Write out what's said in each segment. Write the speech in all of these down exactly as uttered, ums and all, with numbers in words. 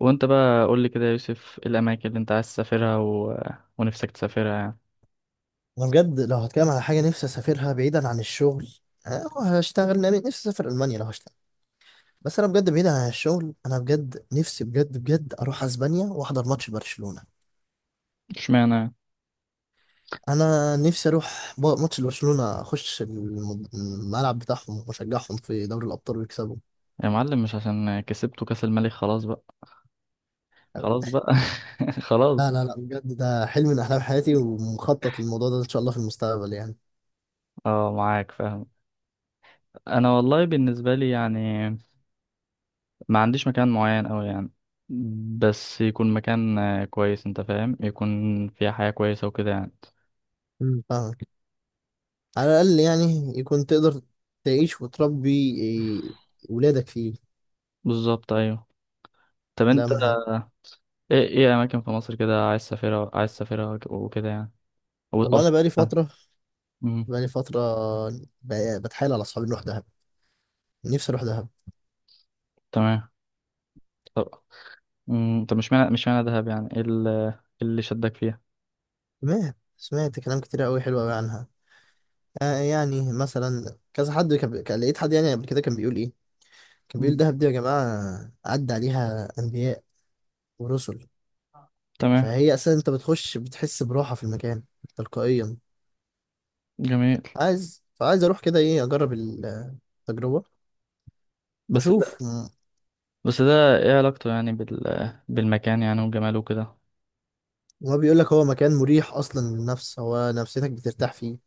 وانت بقى قول لي كده يا يوسف، ايه الاماكن اللي انت عايز تسافرها و... ونفسك تسافرها يعني؟ انا بجد لو هتكلم على حاجه نفسي اسافرها بعيدا عن الشغل. أه، هشتغل لأن نفسي اسافر المانيا لو هشتغل. بس انا بجد بعيدا عن الشغل، انا بجد نفسي بجد بجد اروح اسبانيا واحضر ماتش برشلونه. اشمعنى يعني؟ انا نفسي اروح ب- ماتش برشلونه، اخش الم- الملعب بتاعهم واشجعهم في دوري الابطال ويكسبوا. يا معلم، مش عشان كسبتوا كاس الملك خلاص بقى، خلاص بقى. خلاص. لا لا لا، بجد ده حلم من احلام حياتي ومخطط للموضوع ده ان شاء الله في المستقبل يعني. اه، معاك فاهم. انا والله بالنسبه لي يعني، ما عنديش مكان معين أوي يعني، بس يكون مكان آه، كويس، انت فاهم، يكون فيها حياه كويسه وكده يعني. مم. فاهمك. على الاقل يعني يكون تقدر تعيش وتربي، إيه، ولادك فيه. بالظبط، ايوه. طب ده انت، اهم حاجه. آه، ايه ايه اماكن في مصر كده، عايز تسافرها عايز تسافرها وك- وكده يعني، او أو والله انا بقالي سافرتها؟ فتره، مم، بقالي فتره بقى- بتحايل على اصحابي نروح دهب. نفسي اروح دهب. تمام. امم طب، مش معنى مش معنى دهب يعني ايه، ال- إيه اللي شدك فيها؟ تمام، سمعت كلام كتير قوي حلو قوي عنها. آه يعني مثلا كذا حد كان كان- لقيت حد يعني قبل كده كان بيقول ايه، كان بيقول مم. دهب دي يا جماعه عدى عليها انبياء ورسل. تمام. فهي اساسا انت بتخش بتحس براحه في المكان تلقائيا. جميل. عايز فعايز اروح كده، ايه، اجرب ال- التجربه بس ده واشوف م- بس ده ايه علاقته يعني بال بالمكان يعني وجماله وكده؟ وما بيقول لك هو مكان مريح اصلا للنفس، هو نفسيتك بترتاح فيه،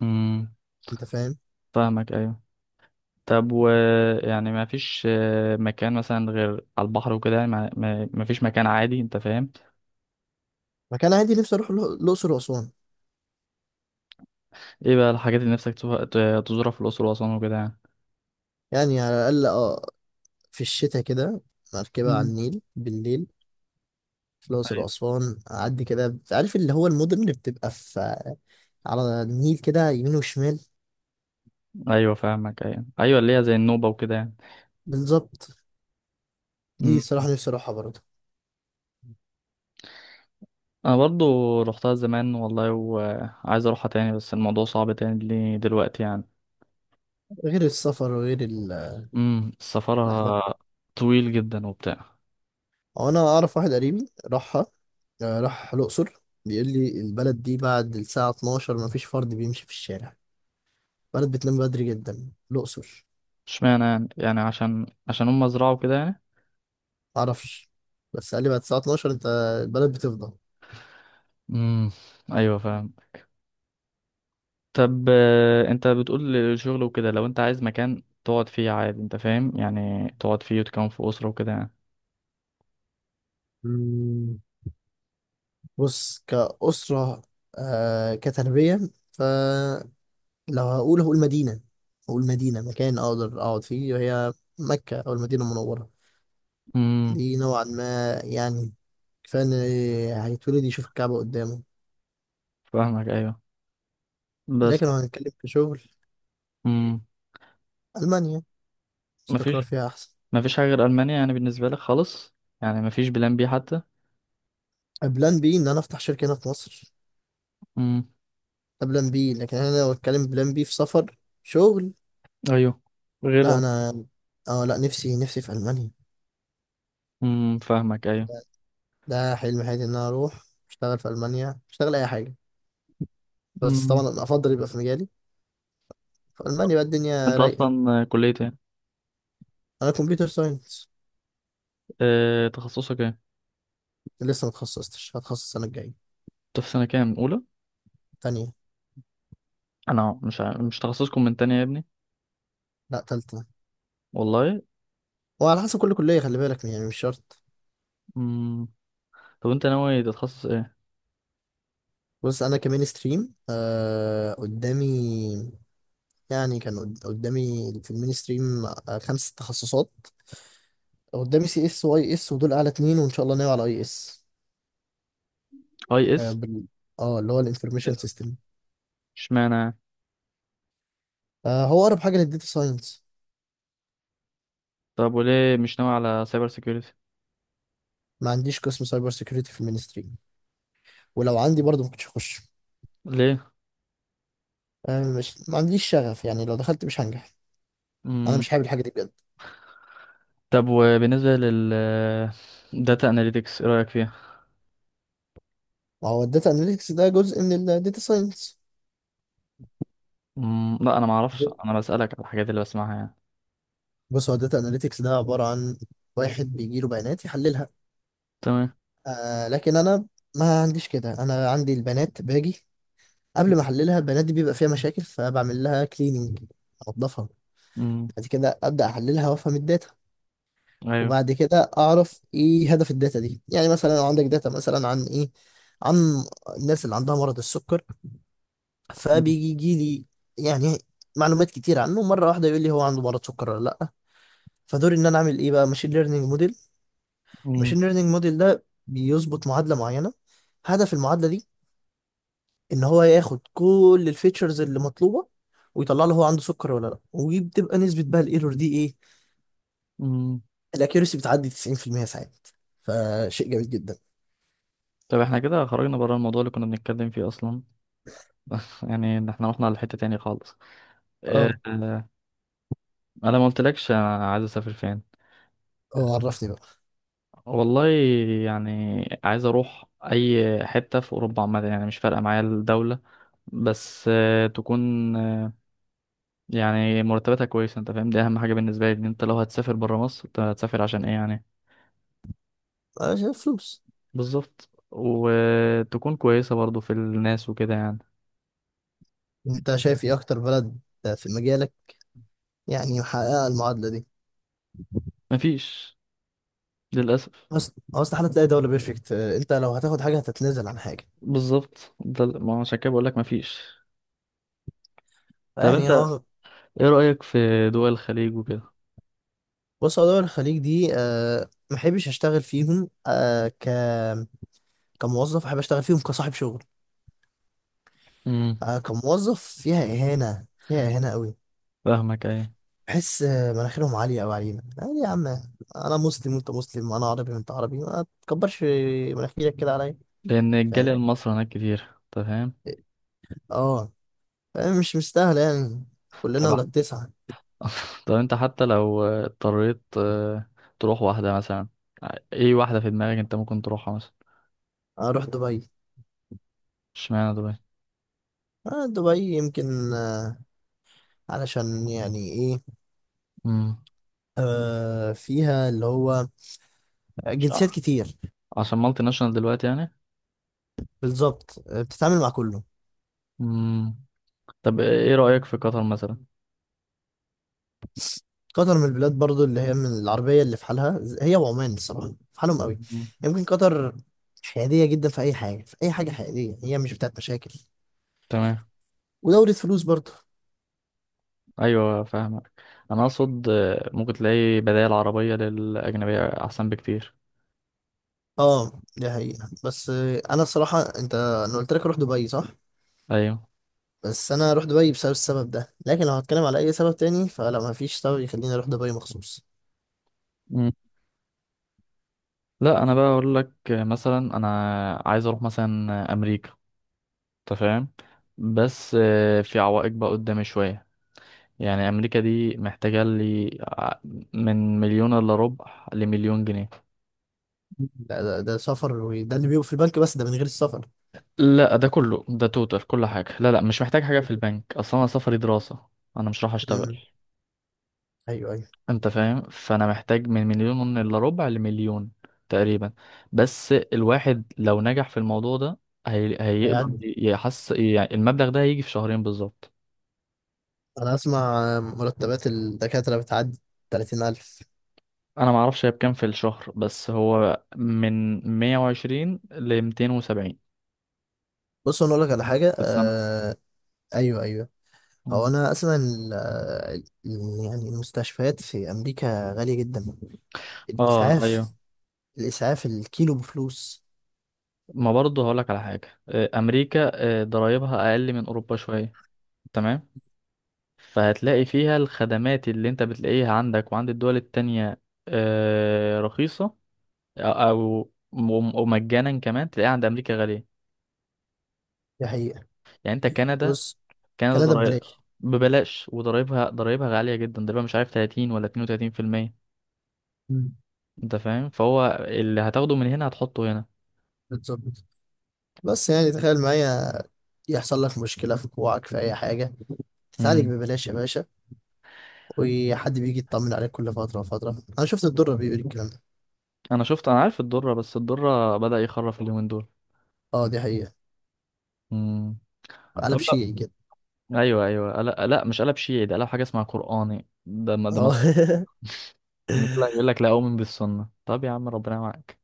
امم، انت فاهم. فاهمك ايوه. طب و يعني ما فيش آه، مكان مثلا غير على البحر وكده يعني، ما ما ما فيش مكان عادي؟ انت فاهم، مكان عادي نفسي اروح الأ- الاقصر واسوان. ايه بقى الحاجات اللي نفسك تزورها ت- تزورها في الاقصر واسوان وكده يعني؟ يعني على الأقل اه، في الشتاء كده، مركبة على مم. النيل بالليل في الأقصر وأسوان، أعدي كده، عارف اللي هو المدن اللي بتبقى في على النيل كده يمين وشمال. ايوه فاهمك، ايوه ايوه، اللي هي زي النوبة وكده يعني. بالظبط. دي مم. صراحة نفسي أروحها برضه. انا برضو روحتها زمان والله، وعايز اروحها تاني بس الموضوع صعب تاني لي دلوقتي يعني. غير السفر وغير البهدلة. امم سفرها طويل جدا وبتاع. هو أنا أعرف واحد قريبي راحها. آه، راح الأقصر بيقول لي البلد دي بعد الساعة اتناشر مفيش فرد بيمشي في الشارع. البلد بتنام بدري جدا الأقصر. اشمعنى يعني؟ يعني عشان عشان هم زرعوا كده يعني؟ معرفش، بس قال لي بعد الساعة اتناشر أنت البلد بتفضى. امم ايوه فاهم. طب آه، انت بتقول شغل وكده، لو انت عايز مكان تقعد فيه عادي، انت فاهم يعني، تقعد فيه وتكون في اسره وكده يعني؟ بص كأسرة، آه كتربية، فلو هقول هقول مدينة هقول مدينة مكان أقدر أقعد فيه وهي مكة أو المدينة المنورة. امم، دي نوعا ما يعني كفاية إن هيتولد يشوف الكعبة قدامه. فاهمك ايوه. بس. لكن لو هنتكلم في شغل، امم ألمانيا استقرار مفيش فيها أحسن. مفيش حاجه غير المانيا يعني بالنسبه لك خالص؟ يعني مفيش بلان بي حتى؟ بلان بي إن أنا أفتح شركة هنا في مصر، امم. ده بلان بي. لكن أنا لو أتكلم بلان بي في سفر شغل، ايوه. لا غير. أنا، أه لا، نفسي نفسي في ألمانيا. امم، فاهمك ايوه. ده حلم حياتي ان انا اروح اشتغل في المانيا، اشتغل اي حاجه، بس طبعا امم أنا افضل يبقى في مجالي. في المانيا بقى الدنيا انت رايقه. اصلا كليه ايه؟ انا كمبيوتر ساينس. اه، تخصصك ايه؟ لسه ما اتخصصتش، هتخصص السنه الجايه. انت في سنه كام، اولى؟ تانية. انا مش عارف. مش تخصصكم من تانية يا ابني؟ لا تالتة. والله. وعلى حسب كل كليه، خلي بالك يعني، مش شرط. امم طب انت ناوي تتخصص ايه؟ بص انا كمين ستريم آه قدامي، يعني كان قد- قدامي في المين ستريم آه خمس تخصصات قدامي، سي اس واي اس، ودول اعلى اتنين، وان شاء الله ناوي على اي اس. اي اس؟ اه، بال- آه، اللي هو الانفورميشن سيستم. اشمعنى؟ آه هو اقرب حاجه للديتا ساينس. طب وليه مش ناوي على سايبر سيكيورتي؟ ما عنديش قسم سايبر سيكيورتي في المينستري، ولو عندي برضه ما كنتش هخش. ليه؟ أه، مش ما عنديش شغف يعني، لو دخلت مش هنجح. انا امم. مش حابب الحاجه دي بجد. طب وبالنسبه لل داتا اناليتكس، ايه رايك فيها؟ ما هو الداتا اناليتكس ده جزء من الداتا ساينس. امم لا، انا ما اعرفش، انا بسالك على الحاجات اللي بسمعها يعني. بص هو الداتا اناليتكس ده عباره عن واحد بيجي له بيانات يحللها. تمام. آه لكن انا ما عنديش كده، انا عندي البيانات باجي، قبل ما احللها البيانات دي بيبقى فيها مشاكل فبعمل لها كليننج، انضفها. امم. بعد كده ابدا احللها وافهم الداتا. ايوه. وبعد كده اعرف ايه هدف الداتا دي، يعني مثلا لو عندك داتا مثلا عن ايه، عن الناس اللي عندها مرض السكر، امم. فبيجي يجي لي يعني معلومات كتير عنه مره واحده، يقول لي هو عنده مرض سكر ولا لا. فدوري ان انا اعمل ايه بقى ماشين ليرنينج موديل. امم، ماشين ليرنينج موديل ده بيظبط معادله معينه، هدف المعادله دي ان هو ياخد كل الفيتشرز اللي مطلوبه ويطلع له هو عنده سكر ولا لا، وبتبقى نسبه بقى الايرور دي ايه. امم. الاكيورسي بتعدي تسعين في المية ساعات، فشيء جميل جدا. طب احنا كده خرجنا بره الموضوع اللي كنا بنتكلم فيه اصلا. يعني إن احنا رحنا لحتة تاني خالص. اه. آه، انا ما قلتلكش انا عايز اسافر فين. اه، عرفني بقى. والله يعني، عايز اروح اي حتة في اوروبا عامة، يعني مش فارقة معايا الدولة، بس آه، تكون آه، يعني مرتباتها كويسة، انت فاهم، دي اهم حاجة بالنسبة لي، ان انت لو هتسافر بره مصر، انت هتسافر عشان ايه يعني. أنا شايف فلوس. بالظبط، وتكون كويسة برضو في الناس وكده يعني. أنت شايف إيه أكتر بلد في مجالك يعني محققة المعادلة دي. مفيش للأسف. أصل أصل حالة تلاقي دولة بيرفكت، أنت لو هتاخد حاجة هتتنازل عن حاجة بالظبط، ده ما هو عشان كده بقول لك مفيش. طب انت يعني. هو ايه رأيك في دول الخليج وكده؟ بص، هو دول الخليج دي أه محبش أشتغل فيهم، أه ك كموظف، أحب أشتغل فيهم كصاحب شغل. امم، أه كموظف فيها إهانة، فيها إهانة قوي. فاهمك ايوه. بحس آه، مناخيرهم عالية أوي علينا، يعني يا عم أنا مسلم وأنت مسلم، أنا عربي وأنت عربي، ما تكبرش مناخيرك كده عليا. لان الجالية فاهم. المصري هناك كتير، تمام. اه. آه، مش مستاهلة يعني، كلنا تبع. ولاد تسعة. طب انت، حتى لو اضطريت آه، تروح واحدة مثلا، ايه واحدة في دماغك انت ممكن تروحها مثلا؟ أروح دبي. اشمعنى دبي؟ آه دبي يمكن آه، علشان يعني إيه، امم. آه فيها اللي هو مش عارف. جنسيات كتير. عشان مالتي ناشونال دلوقتي يعني؟ بالظبط آه، بتتعامل مع كله. امم. طب ايه رأيك في قطر مثلا؟ قطر من البلاد برضو اللي هي من العربية اللي في حالها، ز- هي وعمان الصراحة في حالهم قوي. مم. يمكن قطر حيادية جدا في أي حاجة، في أي حاجة حيادية، هي مش بتاعت مشاكل. تمام. ودورة فلوس برضو. ايوه فاهمك. انا اقصد آه، ممكن تلاقي بدائل عربية للأجنبية احسن بكتير. اه دي حقيقة، بس آه، أنا الصراحة أنت أنا قلت لك أروح دبي، صح؟ ايوه. بس انا اروح دبي بسبب السبب ده، لكن لو هتكلم على اي سبب تاني فلا، ما فيش سبب يخليني اروح دبي مخصوص. لا انا بقى اقول لك مثلا، انا عايز اروح مثلا امريكا، انت فاهم، بس آه، في عوائق بقى قدامي شويه، يعني امريكا دي محتاجه لي ع- من مليون الا ربع لمليون جنيه. ده, ده, ده سفر، وده اللي بيبقى في البنك بس، ده من غير السفر. لا، ده كله ده توتال كل حاجه، لا لا مش محتاج حاجه في البنك اصلا، انا سفري دراسه، انا مش راح اشتغل. امم. ايوه ايوه. انت فاهم، فانا محتاج من مليون الا ربع لمليون تقريبا، بس الواحد لو نجح في الموضوع ده هي... هيقدر هيعدي. يحس يعني المبلغ ده هيجي في شهرين بالظبط. انا اسمع مرتبات الدكاتره بتعدي تلاتين الف. انا ما اعرفش هي بكام في الشهر، بس هو من مئة وعشرين ل ميتين وسبعين بص انا اقول لك على حاجه في السنة. آه. ايوه ايوه. هو مم. انا اسمع ان ال- ال- يعني المستشفيات في امريكا غاليه جدا. اه ايوه. الاسعاف، الاسعاف الكيلو بفلوس. ما برضه هقولك على حاجة، آه، امريكا آه، ضرايبها اقل من اوروبا شوية، تمام، فهتلاقي فيها الخدمات اللي انت بتلاقيها عندك وعند الدول التانية آه، رخيصة او أو- وم- ومجانا، كمان تلاقيها عند امريكا غالية. دي حقيقه. يعني انت كندا، بص كندا كندا ضرايب ببلاش. ببلاش، وضرايبها، ضرايبها غالية جدا، ضرايبها مش عارف تلاتين ولا اتنين وتلاتين بالمية. مم. انت فاهم، فهو اللي هتاخده من هنا هتحطه هنا. بالظبط. بس يعني تخيل معايا يحصل لك مشكلة في كوعك في أي حاجة، تتعالج امم. ببلاش يا باشا. وحد بيجي يطمن عليك كل فترة وفترة، أنا شفت الدرة بيقول الكلام ده. انا شفت، انا عارف الضرة، بس الضرة بدأ يخرف اليومين دول. أه دي حقيقة. امم. قلب طب، شيعي كده. لا ايوه ايوه، لا, لا مش قلب شيعي، ده قلب حاجه اسمها قراني، ده ما ده مصر. أه. يقول لك لا اؤمن بالسنه، طب يا عم ربنا معاك.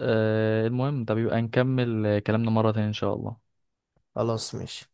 أه المهم، ده بيبقى نكمل كلامنا مره تانية ان شاء الله. خلاص ماشي.